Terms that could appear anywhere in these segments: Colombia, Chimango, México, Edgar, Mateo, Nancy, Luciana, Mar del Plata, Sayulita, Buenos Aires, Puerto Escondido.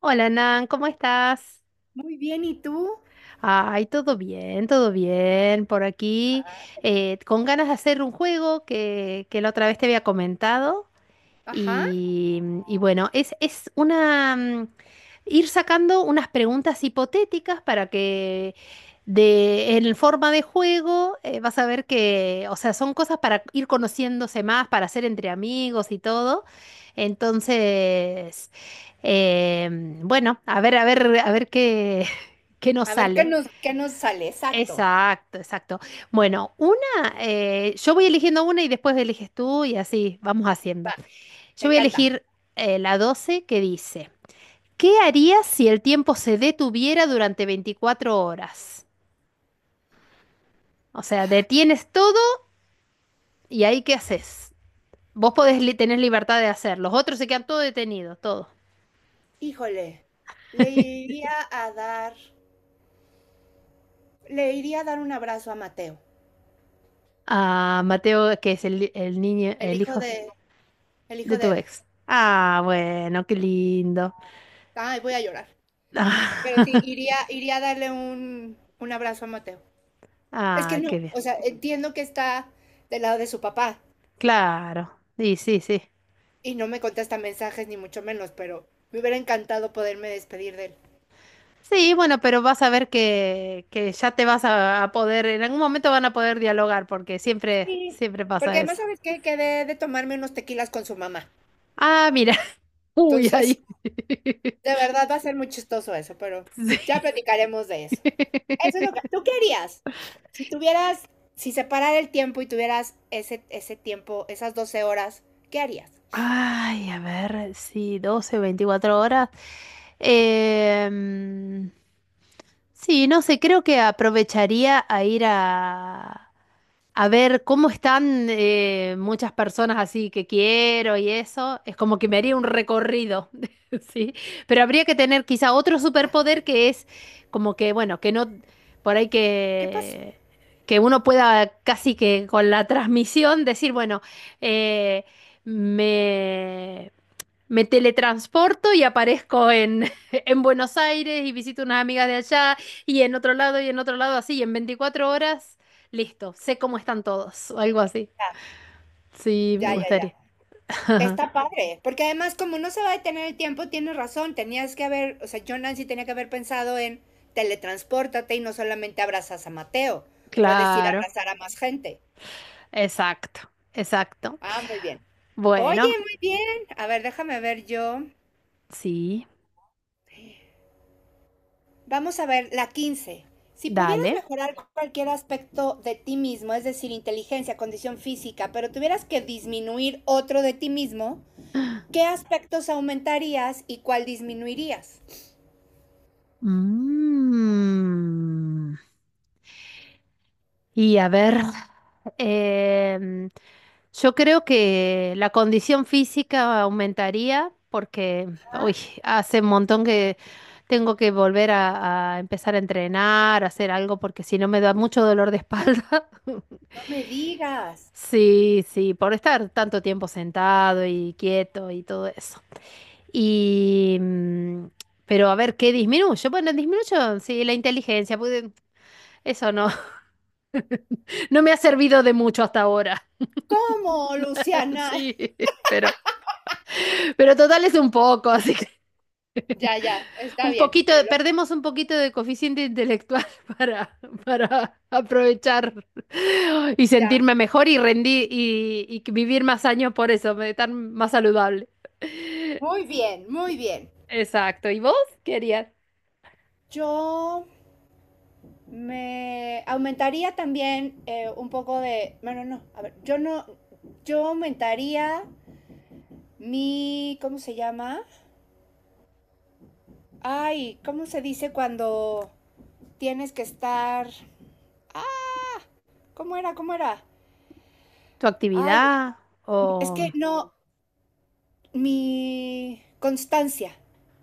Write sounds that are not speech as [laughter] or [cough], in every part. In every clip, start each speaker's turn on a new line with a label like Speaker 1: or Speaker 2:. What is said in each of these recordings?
Speaker 1: Hola Nan, ¿cómo estás?
Speaker 2: Muy bien, ¿y tú?
Speaker 1: Ay, todo bien, todo bien. Por aquí, con ganas de hacer un juego que la otra vez te había comentado.
Speaker 2: Ajá.
Speaker 1: Y bueno, es una ir sacando unas preguntas hipotéticas para que en forma de juego vas a ver que, o sea, son cosas para ir conociéndose más, para hacer entre amigos y todo. Entonces, eh, bueno, a ver, a ver, a ver qué, [laughs] qué nos
Speaker 2: A ver, ¿qué
Speaker 1: sale.
Speaker 2: nos, qué nos sale? Exacto.
Speaker 1: Exacto, exacto. Bueno, yo voy eligiendo una y después eliges tú y así vamos haciendo.
Speaker 2: Va,
Speaker 1: Yo
Speaker 2: me
Speaker 1: voy a
Speaker 2: encanta.
Speaker 1: elegir la 12 que dice, ¿qué harías si el tiempo se detuviera durante 24 horas? O sea, detienes todo y ahí qué haces. Vos podés tener libertad de hacer, los otros se quedan todo detenido, todo.
Speaker 2: Híjole, le iría [laughs] a dar un abrazo a Mateo,
Speaker 1: Ah, Mateo, que es el niño,
Speaker 2: el
Speaker 1: el
Speaker 2: hijo
Speaker 1: hijo
Speaker 2: de, el
Speaker 1: de
Speaker 2: hijo de
Speaker 1: tu
Speaker 2: Edgar.
Speaker 1: ex. Ah, bueno, qué lindo.
Speaker 2: Ay, voy a llorar.
Speaker 1: Ah,
Speaker 2: Pero sí, iría a darle un abrazo a Mateo. Es que
Speaker 1: ah, qué
Speaker 2: no,
Speaker 1: bien.
Speaker 2: o sea, entiendo que está del lado de su papá
Speaker 1: Claro. Sí, sí, sí.
Speaker 2: y no me contesta mensajes ni mucho menos, pero me hubiera encantado poderme despedir de él.
Speaker 1: Sí, bueno, pero vas a ver que ya te vas a poder, en algún momento van a poder dialogar, porque siempre,
Speaker 2: Sí,
Speaker 1: siempre
Speaker 2: porque
Speaker 1: pasa
Speaker 2: además,
Speaker 1: eso.
Speaker 2: ¿sabes qué? Quedé de tomarme unos tequilas con su mamá.
Speaker 1: Ah, mira. [laughs] Uy,
Speaker 2: Entonces,
Speaker 1: ahí. [laughs]
Speaker 2: de verdad va a ser muy chistoso eso, pero ya
Speaker 1: Sí.
Speaker 2: platicaremos de eso. Eso es lo que
Speaker 1: [laughs]
Speaker 2: tú querías. Si tuvieras, si separara el tiempo y tuvieras ese tiempo, esas 12 horas, ¿qué harías?
Speaker 1: Ay, a ver, sí, 12, 24 horas. Em, sí, no sé, creo que aprovecharía a ir a ver cómo están muchas personas así que quiero y eso. Es como que me haría un recorrido, [laughs] ¿sí? Pero habría que tener quizá otro superpoder que es como que, bueno, que no, por ahí
Speaker 2: ¿Qué pasó?
Speaker 1: que uno pueda casi que con la transmisión decir, bueno, eh, me, me teletransporto y aparezco en, [laughs] en Buenos Aires y visito unas amigas de allá y en otro lado y en otro lado así, y en 24 horas, listo, sé cómo están todos o algo así. Sí, me
Speaker 2: Ya, ya, ya. Ya.
Speaker 1: gustaría.
Speaker 2: Está padre, porque además como no se va a detener el tiempo, tienes razón, tenías que haber, o sea, yo Nancy tenía que haber pensado en teletranspórtate y no solamente abrazas a Mateo, puedes ir a
Speaker 1: Claro,
Speaker 2: abrazar a más gente.
Speaker 1: exacto, exacto.
Speaker 2: Ah, muy bien. Oye,
Speaker 1: Bueno,
Speaker 2: muy bien. A ver, déjame ver yo.
Speaker 1: sí,
Speaker 2: Vamos a ver la 15. Si pudieras
Speaker 1: dale.
Speaker 2: mejorar cualquier aspecto de ti mismo, es decir, inteligencia, condición física, pero tuvieras que disminuir otro de ti mismo, ¿qué aspectos aumentarías y cuál disminuirías?
Speaker 1: Mm. Y a ver, em, yo creo que la condición física aumentaría porque hoy hace un montón que tengo que volver a empezar a entrenar, a hacer algo, porque si no me da mucho dolor de espalda. [laughs]
Speaker 2: No me digas.
Speaker 1: Sí, sí, por estar tanto tiempo sentado y quieto y todo eso. Y, pero a ver, ¿qué disminuyo? Bueno, disminuyo, sí, la inteligencia, porque eso no, [laughs] no me ha servido de mucho hasta ahora.
Speaker 2: ¿Cómo, Luciana?
Speaker 1: Sí,
Speaker 2: [laughs]
Speaker 1: [laughs] pero, pero total es un poco, así que [laughs]
Speaker 2: Ya, ya, está
Speaker 1: un
Speaker 2: bien.
Speaker 1: poquito,
Speaker 2: te lo-
Speaker 1: perdemos un poquito de coeficiente intelectual [laughs] para, para aprovechar y
Speaker 2: ya.
Speaker 1: sentirme mejor y rendir y que vivir más años por eso, estar más saludable.
Speaker 2: Muy bien, muy bien.
Speaker 1: Exacto. ¿Y vos querías
Speaker 2: Yo me aumentaría también un poco de. Bueno, no, a ver, yo no. Yo aumentaría mi, ¿cómo se llama? Ay, ¿cómo se dice cuando tienes que estar. Ah, ¿cómo era? ¿Cómo era?
Speaker 1: tu
Speaker 2: Ay,
Speaker 1: actividad
Speaker 2: es
Speaker 1: o
Speaker 2: que no, mi constancia,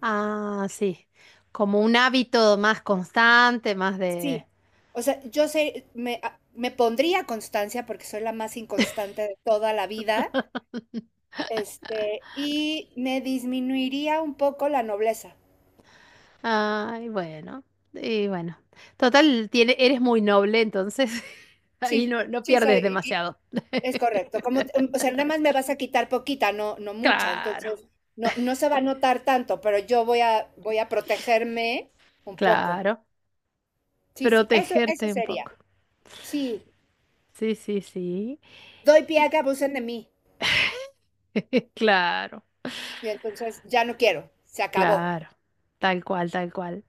Speaker 1: ah, sí, como un hábito más constante, más de?
Speaker 2: sí. O sea, yo sé, me pondría constancia porque soy la más inconstante de toda la vida, y me disminuiría un poco la nobleza.
Speaker 1: Ay, bueno. Y bueno. Total, eres muy noble, entonces [laughs] ahí
Speaker 2: Sí,
Speaker 1: no, no
Speaker 2: sí
Speaker 1: pierdes
Speaker 2: soy.
Speaker 1: demasiado.
Speaker 2: Es correcto, como, o sea, nada más me vas a quitar poquita, no, no mucha,
Speaker 1: Claro,
Speaker 2: entonces no, no se va a notar tanto, pero yo voy a protegerme un poco.
Speaker 1: claro.
Speaker 2: Sí, sí, eso
Speaker 1: Protegerte un
Speaker 2: sería.
Speaker 1: poco.
Speaker 2: Sí,
Speaker 1: Sí, sí, sí.
Speaker 2: doy pie a
Speaker 1: Y-
Speaker 2: que abusen de mí
Speaker 1: claro,
Speaker 2: y entonces ya no quiero, se acabó.
Speaker 1: claro. Tal cual, tal cual.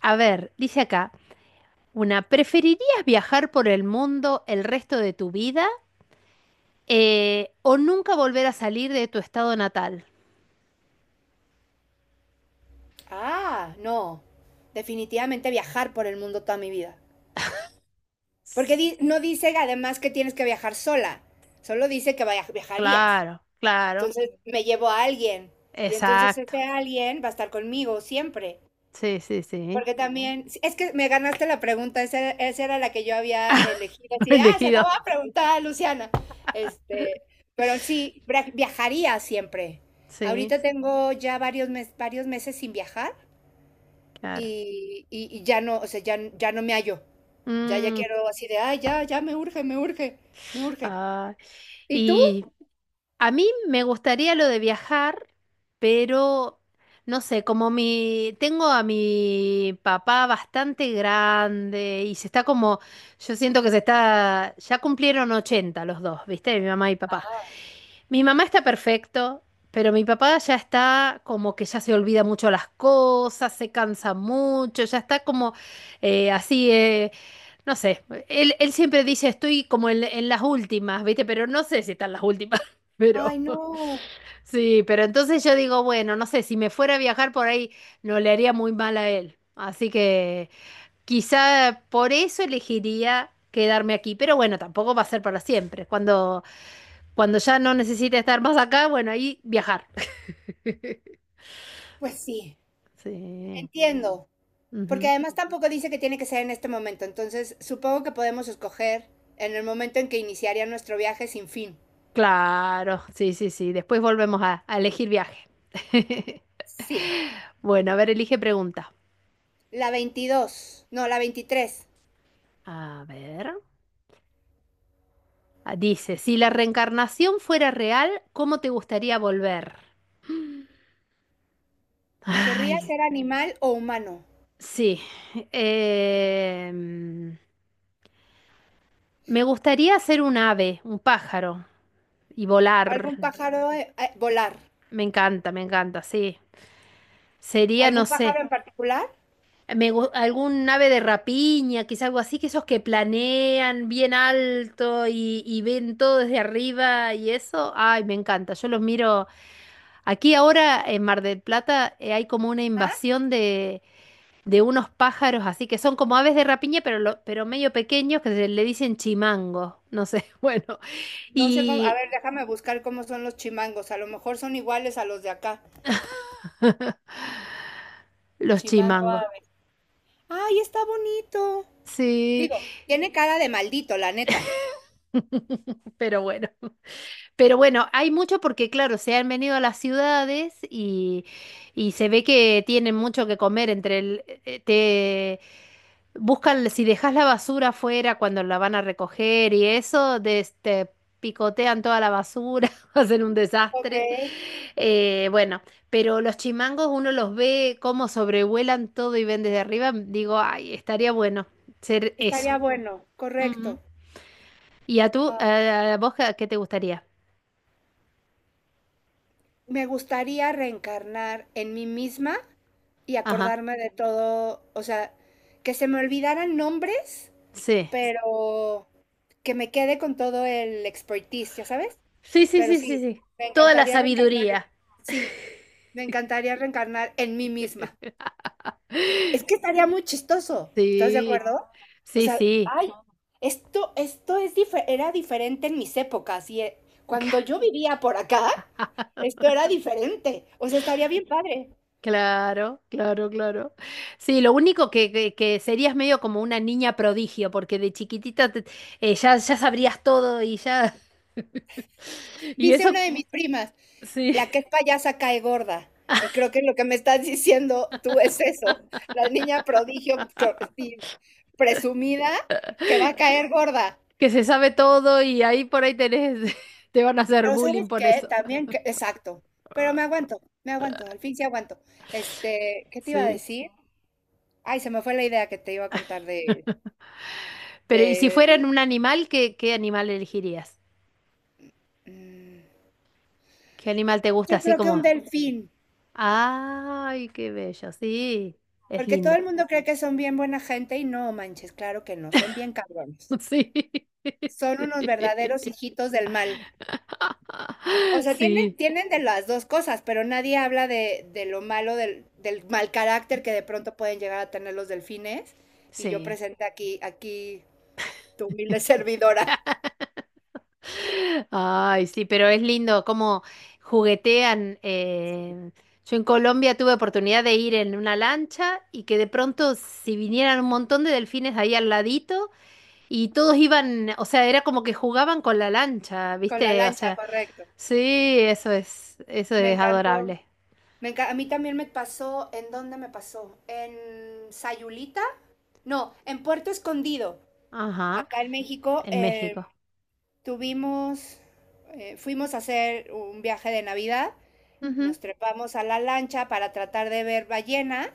Speaker 1: A ver, dice acá, ¿preferirías viajar por el mundo el resto de tu vida o nunca volver a salir de tu estado natal?
Speaker 2: Ah, no, definitivamente viajar por el mundo toda mi vida. Porque no dice además que tienes que viajar sola, solo dice que viajarías.
Speaker 1: Claro, claro.
Speaker 2: Entonces me llevo a alguien y entonces ese
Speaker 1: Exacto.
Speaker 2: alguien va a estar conmigo siempre.
Speaker 1: Sí, sí, sí.
Speaker 2: Porque también, sí, es que me ganaste la pregunta, esa era la que yo había
Speaker 1: [laughs]
Speaker 2: elegido,
Speaker 1: [laughs]
Speaker 2: así, de, ah, se lo
Speaker 1: elegido.
Speaker 2: va a preguntar a Luciana. Este, pero sí, viajaría siempre.
Speaker 1: Sí,
Speaker 2: Ahorita tengo ya varios meses sin viajar
Speaker 1: claro.
Speaker 2: y ya no, o sea, ya, ya no me hallo. Ya, ya
Speaker 1: Mm.
Speaker 2: quiero así de, ay, ya, ya me urge, me urge, me urge.
Speaker 1: Ah,
Speaker 2: ¿Y tú?
Speaker 1: y a mí me gustaría lo de viajar, pero no sé, como tengo a mi papá bastante grande y se está como, yo siento que se está, ya cumplieron 80 los dos, ¿viste? Mi mamá y papá. Mi mamá está perfecto, pero mi papá ya está como que ya se olvida mucho las cosas, se cansa mucho, ya está como así, no sé. Él siempre dice, estoy como en las últimas, ¿viste? Pero no sé si están las últimas.
Speaker 2: Ay,
Speaker 1: Pero [laughs]
Speaker 2: no.
Speaker 1: sí, pero entonces yo digo, bueno, no sé, si me fuera a viajar por ahí, no le haría muy mal a él. Así que quizá por eso elegiría quedarme aquí, pero bueno, tampoco va a ser para siempre. Cuando ya no necesite estar más acá, bueno, ahí viajar. [laughs]
Speaker 2: Pues sí,
Speaker 1: Sí.
Speaker 2: entiendo. Porque
Speaker 1: Ujú.
Speaker 2: además tampoco dice que tiene que ser en este momento, entonces supongo que podemos escoger en el momento en que iniciaría nuestro viaje sin fin.
Speaker 1: Claro, sí, sí, sí. Después volvemos a elegir viaje. [laughs]
Speaker 2: Sí.
Speaker 1: Bueno, a ver, elige pregunta.
Speaker 2: La 22, no, la 23.
Speaker 1: A ver. Ah, dice, si la reencarnación fuera real, ¿cómo te gustaría volver?
Speaker 2: ¿Querría
Speaker 1: Ay,
Speaker 2: ser animal o humano?
Speaker 1: sí. Em, Me gustaría ser un ave, un pájaro, y
Speaker 2: ¿Algún
Speaker 1: volar.
Speaker 2: pájaro volar?
Speaker 1: Me encanta, sí. Sería,
Speaker 2: ¿Algún
Speaker 1: no
Speaker 2: pájaro
Speaker 1: sé,
Speaker 2: en particular?
Speaker 1: algún ave de rapiña, quizá algo así, que esos que planean bien alto y ven todo desde arriba y eso. Ay, me encanta. Yo los miro. Aquí ahora en Mar del Plata hay como una
Speaker 2: ¿Ah?
Speaker 1: invasión de unos pájaros así que son como aves de rapiña, pero, pero medio pequeños que se le dicen chimango. No sé, [laughs] bueno.
Speaker 2: No sé cómo, a
Speaker 1: Y
Speaker 2: ver, déjame buscar cómo son los chimangos, a lo mejor son iguales a los de acá.
Speaker 1: los
Speaker 2: Chimango
Speaker 1: chimangos.
Speaker 2: ave. ¡Ay, está bonito!
Speaker 1: Sí,
Speaker 2: Digo, tiene cara de maldito, la neta.
Speaker 1: pero bueno. Pero bueno, hay mucho porque, claro, se han venido a las ciudades y se ve que tienen mucho que comer entre Buscan, si dejas la basura afuera cuando la van a recoger y eso, de este, picotean toda la basura, [laughs] hacen un
Speaker 2: Ok,
Speaker 1: desastre. Bueno, pero los chimangos uno los ve cómo sobrevuelan todo y ven desde arriba. Digo, ay, estaría bueno ser eso.
Speaker 2: estaría bueno,
Speaker 1: Ujú.
Speaker 2: correcto.
Speaker 1: ¿Y a tú,
Speaker 2: Uh,
Speaker 1: a vos qué te gustaría?
Speaker 2: me gustaría reencarnar en mí misma y
Speaker 1: Ajá,
Speaker 2: acordarme de todo, o sea, que se me olvidaran nombres,
Speaker 1: sí.
Speaker 2: pero que me quede con todo el expertise, ya sabes.
Speaker 1: Sí, sí,
Speaker 2: Pero
Speaker 1: sí, sí,
Speaker 2: sí,
Speaker 1: sí.
Speaker 2: me
Speaker 1: Toda la
Speaker 2: encantaría reencarnar
Speaker 1: sabiduría.
Speaker 2: en, sí, me encantaría reencarnar en mí misma.
Speaker 1: [laughs]
Speaker 2: Es que estaría muy chistoso, ¿estás de
Speaker 1: Sí,
Speaker 2: acuerdo? O
Speaker 1: sí,
Speaker 2: sea,
Speaker 1: sí.
Speaker 2: ay, esto era diferente en mis épocas y cuando
Speaker 1: [laughs]
Speaker 2: yo vivía por acá, esto era diferente. O sea, estaría bien padre.
Speaker 1: Claro, claro, claro. Sí, lo único que serías medio como una niña prodigio, porque de chiquitita ya sabrías todo y ya... [laughs] Y
Speaker 2: Dice
Speaker 1: eso,
Speaker 2: una de mis primas,
Speaker 1: sí,
Speaker 2: la que es payasa cae gorda. Y creo que lo que me estás diciendo tú es eso, la niña prodigio sí, presumida que va a caer gorda.
Speaker 1: que se sabe todo y ahí por ahí tenés, [laughs] te van a hacer
Speaker 2: Pero ¿sabes
Speaker 1: bullying por
Speaker 2: qué?
Speaker 1: eso.
Speaker 2: También, exacto, pero me aguanto, al fin sí aguanto. ¿Qué te iba a
Speaker 1: Sí.
Speaker 2: decir? Ay, se me fue la idea que te iba a contar de,
Speaker 1: Pero, ¿y si
Speaker 2: de,
Speaker 1: fueran un animal, qué animal elegirías?
Speaker 2: mm,
Speaker 1: ¿Qué animal te gusta
Speaker 2: yo
Speaker 1: así
Speaker 2: creo que un
Speaker 1: como?
Speaker 2: delfín,
Speaker 1: Ay, qué bello, sí, es
Speaker 2: porque todo
Speaker 1: lindo.
Speaker 2: el mundo cree que son bien buena gente y no manches, claro que no, son bien cabrones.
Speaker 1: [laughs] Sí,
Speaker 2: Son unos verdaderos hijitos del mal. O
Speaker 1: [laughs]
Speaker 2: sea, tienen,
Speaker 1: sí,
Speaker 2: tienen de las dos cosas, pero nadie habla de lo malo, del mal carácter que de pronto pueden llegar a tener los delfines. Y yo
Speaker 1: sí.
Speaker 2: presenté aquí tu humilde [laughs] servidora.
Speaker 1: Ay, sí, pero es lindo cómo juguetean. Yo en Colombia tuve oportunidad de ir en una lancha y que de pronto si vinieran un montón de delfines ahí al ladito y todos iban, o sea, era como que jugaban con la lancha,
Speaker 2: Con la
Speaker 1: ¿viste? O
Speaker 2: lancha,
Speaker 1: sea,
Speaker 2: correcto.
Speaker 1: sí, eso
Speaker 2: Me
Speaker 1: es
Speaker 2: encantó.
Speaker 1: adorable.
Speaker 2: A mí también me pasó, ¿en dónde me pasó? ¿En Sayulita? No, en Puerto Escondido.
Speaker 1: Ajá,
Speaker 2: Acá en México
Speaker 1: en México.
Speaker 2: tuvimos, fuimos a hacer un viaje de Navidad,
Speaker 1: Ujú,
Speaker 2: nos trepamos a la lancha para tratar de ver ballenas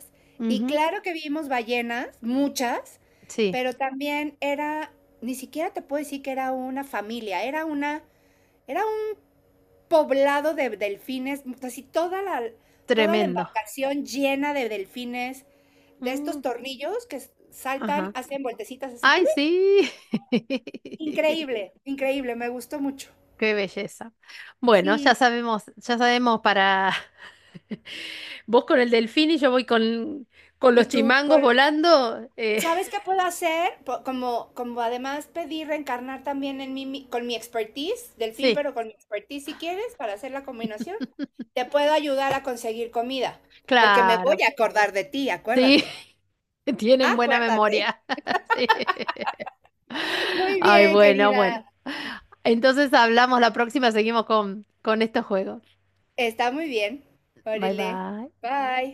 Speaker 2: y
Speaker 1: ujú.
Speaker 2: claro que vimos ballenas, muchas,
Speaker 1: Sí,
Speaker 2: pero también era, ni siquiera te puedo decir que era una familia, era era poblado de delfines, así toda la
Speaker 1: tremendo.
Speaker 2: embarcación llena de delfines, de estos
Speaker 1: Mm,
Speaker 2: tornillos que saltan,
Speaker 1: ajá.
Speaker 2: hacen vueltecitas así. ¿Tú
Speaker 1: Ay,
Speaker 2: ves?
Speaker 1: sí.
Speaker 2: Increíble,
Speaker 1: [laughs]
Speaker 2: increíble, me gustó mucho.
Speaker 1: Qué belleza. Bueno,
Speaker 2: Sí.
Speaker 1: ya sabemos para [laughs] vos con el delfín y yo voy con los
Speaker 2: Y tú,
Speaker 1: chimangos volando.
Speaker 2: ¿sabes qué puedo hacer? Como además pedí reencarnar también en mí con mi expertise, delfín,
Speaker 1: [laughs] Sí,
Speaker 2: pero con mi expertise si quieres, para hacer la combinación. Te puedo ayudar a conseguir comida, porque me voy
Speaker 1: claro.
Speaker 2: a acordar de ti,
Speaker 1: Sí,
Speaker 2: acuérdate.
Speaker 1: [laughs] tienen buena
Speaker 2: Acuérdate.
Speaker 1: memoria. [laughs] Sí.
Speaker 2: Muy
Speaker 1: Ay,
Speaker 2: bien,
Speaker 1: bueno,
Speaker 2: querida.
Speaker 1: bueno. Entonces hablamos la próxima, seguimos con estos juegos.
Speaker 2: Está muy bien.
Speaker 1: Bye
Speaker 2: Órale.
Speaker 1: bye.
Speaker 2: Bye.